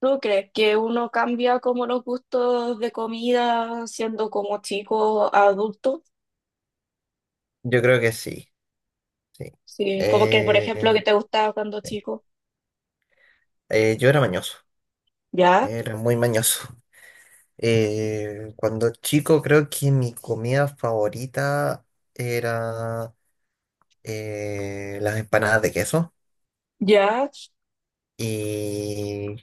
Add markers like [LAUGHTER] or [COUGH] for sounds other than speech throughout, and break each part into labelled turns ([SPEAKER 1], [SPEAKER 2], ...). [SPEAKER 1] ¿Tú crees que uno cambia como los gustos de comida siendo como chico a adulto?
[SPEAKER 2] Yo creo que sí, sí.
[SPEAKER 1] Sí, como que, por ejemplo,
[SPEAKER 2] Eh,
[SPEAKER 1] que te gustaba cuando chico.
[SPEAKER 2] yo era mañoso,
[SPEAKER 1] Ya,
[SPEAKER 2] era muy mañoso. Cuando chico creo que mi comida favorita era las empanadas de queso
[SPEAKER 1] ya.
[SPEAKER 2] y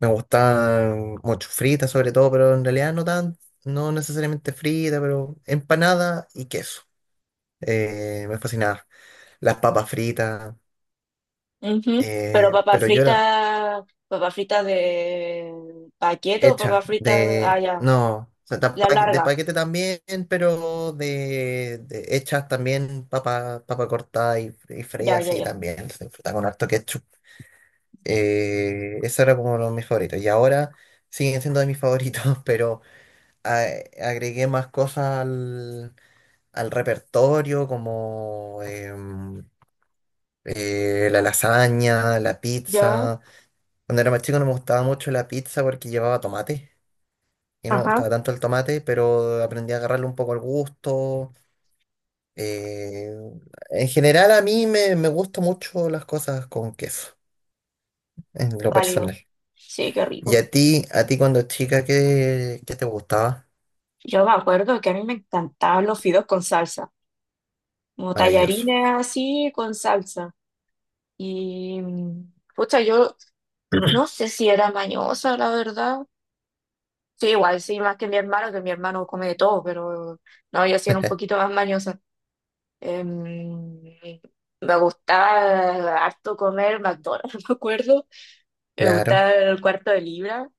[SPEAKER 2] me gustaban mucho fritas sobre todo, pero en realidad no necesariamente fritas, pero empanada y queso. Me fascinaba. Las papas fritas,
[SPEAKER 1] Ujú. Pero
[SPEAKER 2] pero yo era
[SPEAKER 1] papas fritas de paquete o
[SPEAKER 2] hecha
[SPEAKER 1] papas fritas, ah,
[SPEAKER 2] de,
[SPEAKER 1] ya,
[SPEAKER 2] no, o sea,
[SPEAKER 1] la
[SPEAKER 2] de
[SPEAKER 1] larga.
[SPEAKER 2] paquete también, pero de hechas también papa cortada y freía
[SPEAKER 1] Ya, ya,
[SPEAKER 2] así
[SPEAKER 1] ya.
[SPEAKER 2] también, se disfruta con harto ketchup. Eso era como uno de mis favoritos y ahora siguen siendo de mis favoritos, [LAUGHS] pero a- agregué más cosas al repertorio como la lasaña, la
[SPEAKER 1] Ya,
[SPEAKER 2] pizza. Cuando era más chico no me gustaba mucho la pizza porque llevaba tomate. Y no me
[SPEAKER 1] ajá,
[SPEAKER 2] gustaba tanto el tomate, pero aprendí a agarrarle un poco el gusto. Eh, en general me gustan mucho las cosas con queso, en lo
[SPEAKER 1] válido.
[SPEAKER 2] personal.
[SPEAKER 1] Sí, qué
[SPEAKER 2] Y
[SPEAKER 1] rico.
[SPEAKER 2] a ti cuando chica, ¿ qué te gustaba?
[SPEAKER 1] Yo me acuerdo que a mí me encantaban los fideos con salsa, como
[SPEAKER 2] Maravilloso.
[SPEAKER 1] tallarines así con salsa. Y, pucha, yo no
[SPEAKER 2] [CLEARS THROAT]
[SPEAKER 1] sé si era mañosa, la verdad. Sí, igual, sí, más que mi hermano come de todo, pero no, yo sí era un poquito
[SPEAKER 2] [LAUGHS]
[SPEAKER 1] más mañosa. Em, Me gustaba harto comer McDonald's, [LAUGHS] me acuerdo. Me
[SPEAKER 2] Claro,
[SPEAKER 1] gustaba el cuarto de libra.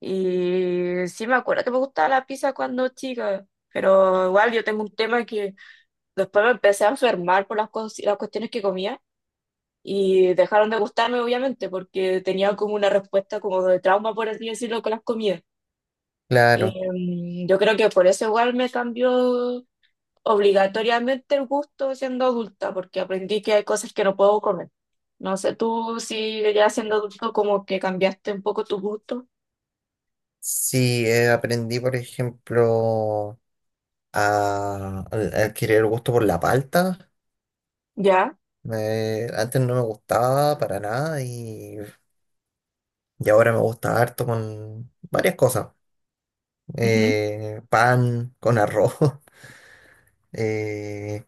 [SPEAKER 1] Y sí, me acuerdo que me gustaba la pizza cuando chica, pero igual yo tengo un tema que después me empecé a enfermar por las cuestiones que comía. Y dejaron de gustarme, obviamente, porque tenía como una respuesta como de trauma, por así decirlo, con las comidas.
[SPEAKER 2] claro.
[SPEAKER 1] Yo creo que por eso igual me cambió obligatoriamente el gusto siendo adulta, porque aprendí que hay cosas que no puedo comer. No sé, tú si ya siendo adulto como que cambiaste un poco tu gusto.
[SPEAKER 2] Sí, aprendí, por ejemplo, a adquirir el gusto por la palta.
[SPEAKER 1] ¿Ya?
[SPEAKER 2] Antes no me gustaba para nada y ahora me gusta harto con varias cosas.
[SPEAKER 1] Ujú.
[SPEAKER 2] Pan con arroz. [LAUGHS] eh,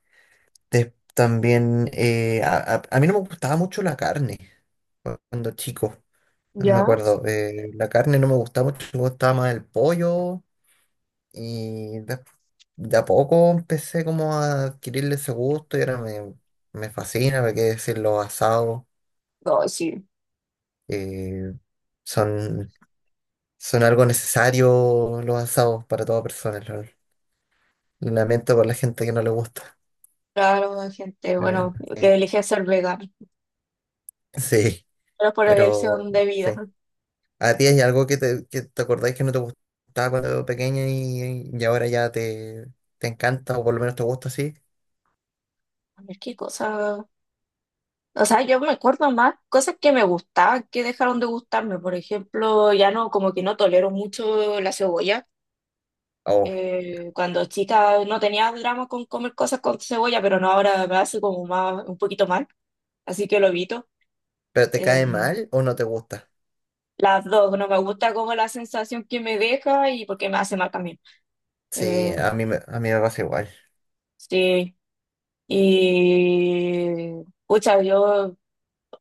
[SPEAKER 2] también a mí no me gustaba mucho la carne cuando chico, no me
[SPEAKER 1] ¿Ya?
[SPEAKER 2] acuerdo. La carne no me gustaba mucho, me gustaba más el pollo y de, de a poco empecé como a adquirirle ese gusto y ahora me fascina, me qué decir, los asados.
[SPEAKER 1] No, sí.
[SPEAKER 2] eh, son, son algo necesario los asados para toda persona. Lamento por la gente que no le gusta.
[SPEAKER 1] Claro, hay gente,
[SPEAKER 2] eh,
[SPEAKER 1] bueno, que elige ser vegano,
[SPEAKER 2] [LAUGHS] sí.
[SPEAKER 1] pero por
[SPEAKER 2] Pero
[SPEAKER 1] elección de vida.
[SPEAKER 2] sí, ¿a ti hay algo que te acordáis que no te gustaba cuando pequeña y ahora ya te encanta o por lo menos te gusta así?
[SPEAKER 1] A ver qué cosas. O sea, yo me acuerdo más cosas que me gustaban que dejaron de gustarme. Por ejemplo, ya no, como que no tolero mucho la cebolla.
[SPEAKER 2] O,
[SPEAKER 1] Cuando chica no tenía drama con comer cosas con cebolla, pero no, ahora me hace como más, un poquito mal, así que lo evito.
[SPEAKER 2] ¿pero te
[SPEAKER 1] Eh,
[SPEAKER 2] cae mal o no te gusta?
[SPEAKER 1] las dos, no me gusta como la sensación que me deja y porque me hace mal también.
[SPEAKER 2] Sí,
[SPEAKER 1] Eh,
[SPEAKER 2] a mí, a mí me pasa igual.
[SPEAKER 1] sí, y pucha, yo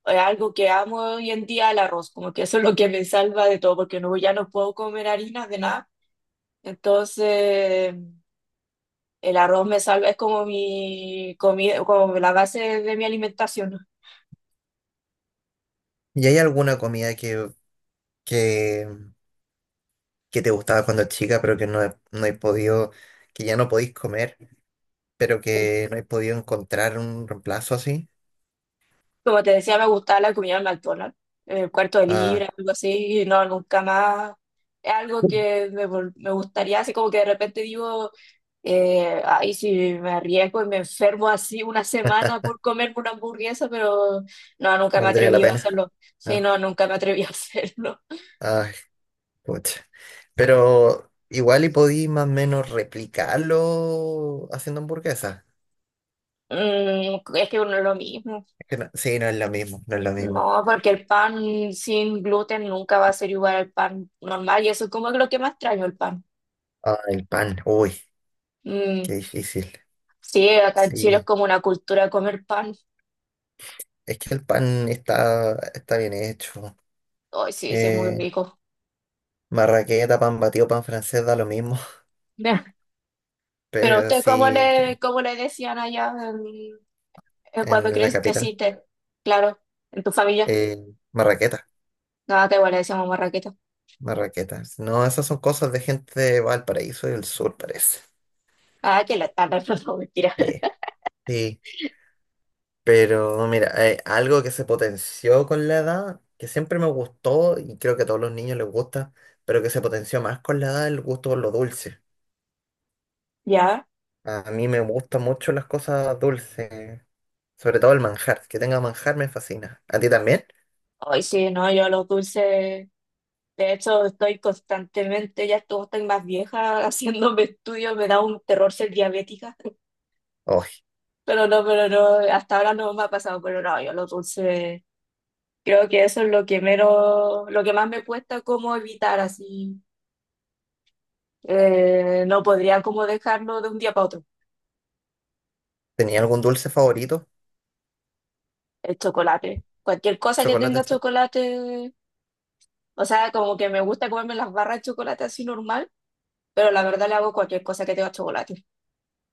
[SPEAKER 1] algo que amo hoy en día el arroz, como que eso es lo que me salva de todo, porque no, ya no puedo comer harinas de nada. Entonces, el arroz me salva, es como mi comida, como la base de mi alimentación.
[SPEAKER 2] ¿Y hay alguna comida que, que te gustaba cuando chica pero que no, no he podido, que ya no podéis comer, pero
[SPEAKER 1] eh,
[SPEAKER 2] que no he podido encontrar un reemplazo así?
[SPEAKER 1] Como te decía, me gustaba la comida en McDonald's, el cuarto de
[SPEAKER 2] Ah,
[SPEAKER 1] libra, algo así, y no, nunca más. Es algo que me gustaría, así como que de repente digo, ay, si me arriesgo y me enfermo así una semana por comerme una hamburguesa, pero no, nunca me
[SPEAKER 2] valdría la
[SPEAKER 1] atreví a
[SPEAKER 2] pena.
[SPEAKER 1] hacerlo. Sí,
[SPEAKER 2] Ah,
[SPEAKER 1] no, nunca me atreví a [LAUGHS] hacerlo.
[SPEAKER 2] ah. Pucha. Pero igual y podí más o menos replicarlo haciendo hamburguesas.
[SPEAKER 1] Es que uno es lo mismo.
[SPEAKER 2] Es que sí, no es lo mismo, no es lo mismo.
[SPEAKER 1] No, porque el pan sin gluten nunca va a ser igual al pan normal, y eso es como lo que más extraño, el pan.
[SPEAKER 2] Ah, el pan, uy,
[SPEAKER 1] Mm,
[SPEAKER 2] qué difícil.
[SPEAKER 1] sí, acá en
[SPEAKER 2] Sí,
[SPEAKER 1] Chile es como una cultura de comer pan.
[SPEAKER 2] es que el pan está bien hecho.
[SPEAKER 1] Ay, sí, sí, es muy
[SPEAKER 2] Eh,
[SPEAKER 1] rico.
[SPEAKER 2] marraqueta, pan batido, pan francés, da lo mismo.
[SPEAKER 1] Ya.
[SPEAKER 2] [LAUGHS]
[SPEAKER 1] Pero
[SPEAKER 2] Pero
[SPEAKER 1] usted, ¿cómo
[SPEAKER 2] sí,
[SPEAKER 1] le, cómo le decían allá en cuando
[SPEAKER 2] en la capital.
[SPEAKER 1] creciste? Claro, en tu familia.
[SPEAKER 2] eh, marraqueta,
[SPEAKER 1] No, acá igual le decíamos marraqueta.
[SPEAKER 2] marraquetas. No, esas son cosas de gente de Valparaíso y del sur, parece.
[SPEAKER 1] Ah, que la tarde, [LAUGHS] no, mentira.
[SPEAKER 2] Sí, sí. Pero mira, algo que se potenció con la edad, que siempre me gustó y creo que a todos los niños les gusta, pero que se potenció más con la edad, el gusto por lo dulce.
[SPEAKER 1] ¿Ya?
[SPEAKER 2] A mí me gustan mucho las cosas dulces, sobre todo el manjar. Que tenga manjar me fascina. ¿A ti también?
[SPEAKER 1] Ay, sí, no, yo los dulces. De hecho, estoy constantemente, ya estoy más vieja [LAUGHS] haciéndome estudios, me da un terror ser diabética.
[SPEAKER 2] Oh,
[SPEAKER 1] Pero no, hasta ahora no me ha pasado, pero no, yo los dulces. Creo que eso es lo que menos, lo que más me cuesta como evitar así. No podría como dejarlo de un día para otro.
[SPEAKER 2] ¿tenía algún dulce favorito?
[SPEAKER 1] El chocolate. Cualquier cosa que
[SPEAKER 2] Chocolate,
[SPEAKER 1] tenga chocolate, o sea, como que me gusta comerme las barras de chocolate así normal, pero la verdad le hago cualquier cosa que tenga chocolate.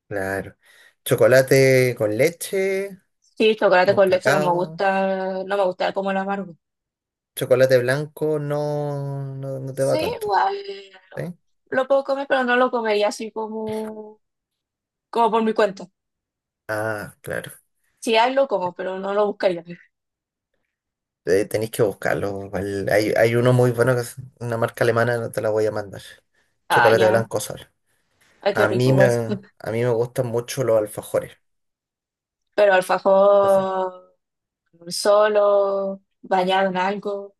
[SPEAKER 2] claro. Chocolate con leche,
[SPEAKER 1] Sí, chocolate
[SPEAKER 2] con
[SPEAKER 1] con leche no me
[SPEAKER 2] cacao.
[SPEAKER 1] gusta, no me gusta como el amargo.
[SPEAKER 2] Chocolate blanco no, no, no te
[SPEAKER 1] Sí,
[SPEAKER 2] va tanto.
[SPEAKER 1] igual
[SPEAKER 2] ¿Sí?
[SPEAKER 1] lo puedo comer, pero no lo comería así como, como por mi cuenta.
[SPEAKER 2] Ah, claro.
[SPEAKER 1] Si hay, lo como, pero no lo buscaría.
[SPEAKER 2] Tenéis que buscarlo. Igual hay, hay uno muy bueno que es una marca alemana, no te la voy a mandar.
[SPEAKER 1] Ah,
[SPEAKER 2] Chocolate
[SPEAKER 1] ya,
[SPEAKER 2] blanco solo.
[SPEAKER 1] ay, qué
[SPEAKER 2] A
[SPEAKER 1] rico
[SPEAKER 2] mí me,
[SPEAKER 1] igual.
[SPEAKER 2] a mí me gustan mucho los alfajores.
[SPEAKER 1] Pero
[SPEAKER 2] Así.
[SPEAKER 1] alfajor solo, bañado en algo.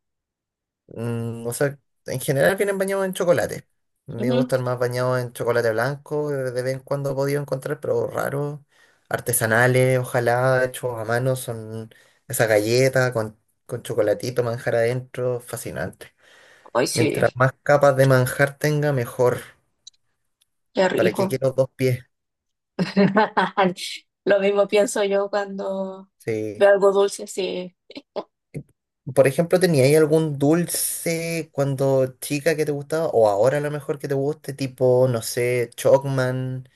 [SPEAKER 2] Mm, o sea, en general vienen bañados en chocolate. A mí me
[SPEAKER 1] Ujú.
[SPEAKER 2] gustan más bañados en chocolate blanco, de vez en cuando he podido encontrar, pero raros. Artesanales, ojalá, hechos a mano, son esa galleta con chocolatito, manjar adentro, fascinante.
[SPEAKER 1] Ay, sí,
[SPEAKER 2] Mientras más capas de manjar tenga, mejor.
[SPEAKER 1] qué
[SPEAKER 2] ¿Para qué
[SPEAKER 1] rico.
[SPEAKER 2] quiero dos pies?
[SPEAKER 1] [LAUGHS] Lo mismo pienso yo cuando
[SPEAKER 2] Sí.
[SPEAKER 1] veo algo dulce, sí.
[SPEAKER 2] Por ejemplo, ¿teníais algún dulce cuando chica que te gustaba? O ahora a lo mejor que te guste, tipo, no sé, Chocman,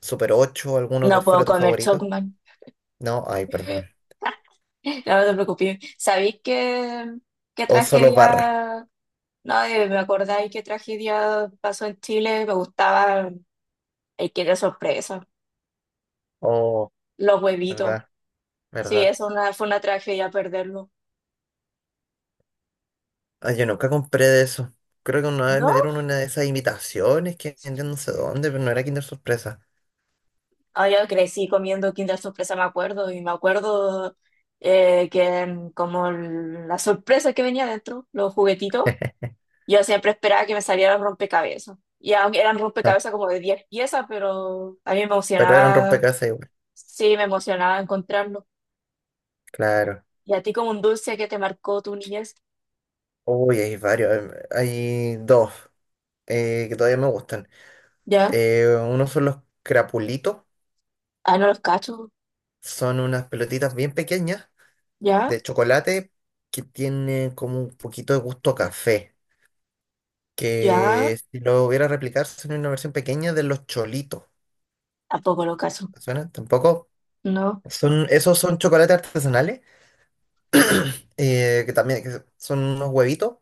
[SPEAKER 2] Super Ocho, alguno que
[SPEAKER 1] No puedo
[SPEAKER 2] fuera tu
[SPEAKER 1] comer
[SPEAKER 2] favorito.
[SPEAKER 1] chocman.
[SPEAKER 2] No, ay, perdón.
[SPEAKER 1] [LAUGHS] No, no te preocupes. ¿Sabéis qué? Qué
[SPEAKER 2] O solo barra.
[SPEAKER 1] tragedia. No, me acordáis qué tragedia pasó en Chile. Me gustaba el que de sorpresa,
[SPEAKER 2] Oh,
[SPEAKER 1] los huevitos.
[SPEAKER 2] verdad,
[SPEAKER 1] Sí,
[SPEAKER 2] verdad.
[SPEAKER 1] eso, una, fue una tragedia perderlo.
[SPEAKER 2] Ay, yo nunca compré de eso. Creo que una vez
[SPEAKER 1] No.
[SPEAKER 2] me dieron una de esas invitaciones que vendían no sé dónde, pero no era Kinder Sorpresa.
[SPEAKER 1] Ah, yo crecí comiendo Kinder Sorpresa, me acuerdo, y me acuerdo que como la sorpresa que venía dentro, los juguetitos, yo siempre esperaba que me salieran rompecabezas. Y aunque eran
[SPEAKER 2] [LAUGHS]
[SPEAKER 1] rompecabezas como de 10 piezas, pero a mí me
[SPEAKER 2] Pero eran
[SPEAKER 1] emocionaba,
[SPEAKER 2] rompecabezas igual.
[SPEAKER 1] sí, me emocionaba encontrarlo.
[SPEAKER 2] Claro.
[SPEAKER 1] Y a ti como un dulce que te marcó tu niñez,
[SPEAKER 2] Uy, hay varios. Hay dos que todavía me gustan.
[SPEAKER 1] ¿ya?
[SPEAKER 2] Uno son los crapulitos,
[SPEAKER 1] Ah, no los cacho,
[SPEAKER 2] son unas pelotitas bien pequeñas
[SPEAKER 1] ¿ya?
[SPEAKER 2] de chocolate que tienen como un poquito de gusto a café,
[SPEAKER 1] ¿Ya?
[SPEAKER 2] que si lo hubiera replicar son una versión pequeña de los cholitos.
[SPEAKER 1] Tampoco los cacho,
[SPEAKER 2] ¿Te ¿Suena? Tampoco.
[SPEAKER 1] ¿no?
[SPEAKER 2] Esos son chocolates artesanales, que también que son unos huevitos,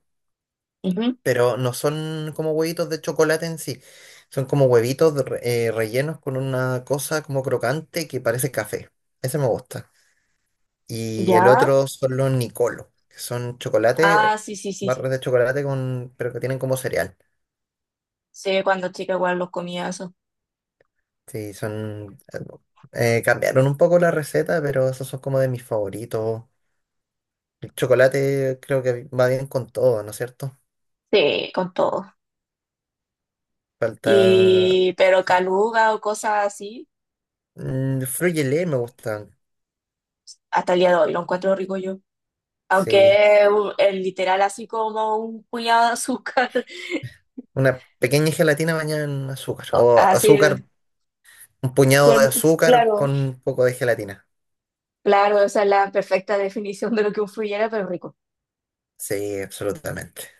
[SPEAKER 1] Ujú.
[SPEAKER 2] pero no son como huevitos de chocolate en sí, son como huevitos de rellenos con una cosa como crocante que parece café. Ese me gusta. Y el
[SPEAKER 1] ¿Ya?
[SPEAKER 2] otro son los Nicolo, que son chocolate,
[SPEAKER 1] Ah, sí, sí, sí, sí.
[SPEAKER 2] barras de chocolate con, pero que tienen como cereal.
[SPEAKER 1] Sí, cuando chica igual los comía eso.
[SPEAKER 2] Sí, son... cambiaron un poco la receta, pero esos son como de mis favoritos. El chocolate creo que va bien con todo, ¿no es cierto?
[SPEAKER 1] Sí, con todo.
[SPEAKER 2] Falta...
[SPEAKER 1] Y, pero caluga o cosas así,
[SPEAKER 2] Mm, frugelé me gustan,
[SPEAKER 1] hasta el día de hoy lo encuentro rico yo.
[SPEAKER 2] sí.
[SPEAKER 1] Aunque es es literal así como un puñado de azúcar, [LAUGHS]
[SPEAKER 2] Una pequeña gelatina bañada en azúcar.
[SPEAKER 1] no,
[SPEAKER 2] O azúcar,
[SPEAKER 1] así,
[SPEAKER 2] un puñado de
[SPEAKER 1] con-
[SPEAKER 2] azúcar
[SPEAKER 1] claro,
[SPEAKER 2] con un poco de gelatina.
[SPEAKER 1] claro, esa es la perfecta definición de lo que un frullera, pero rico.
[SPEAKER 2] Sí, absolutamente.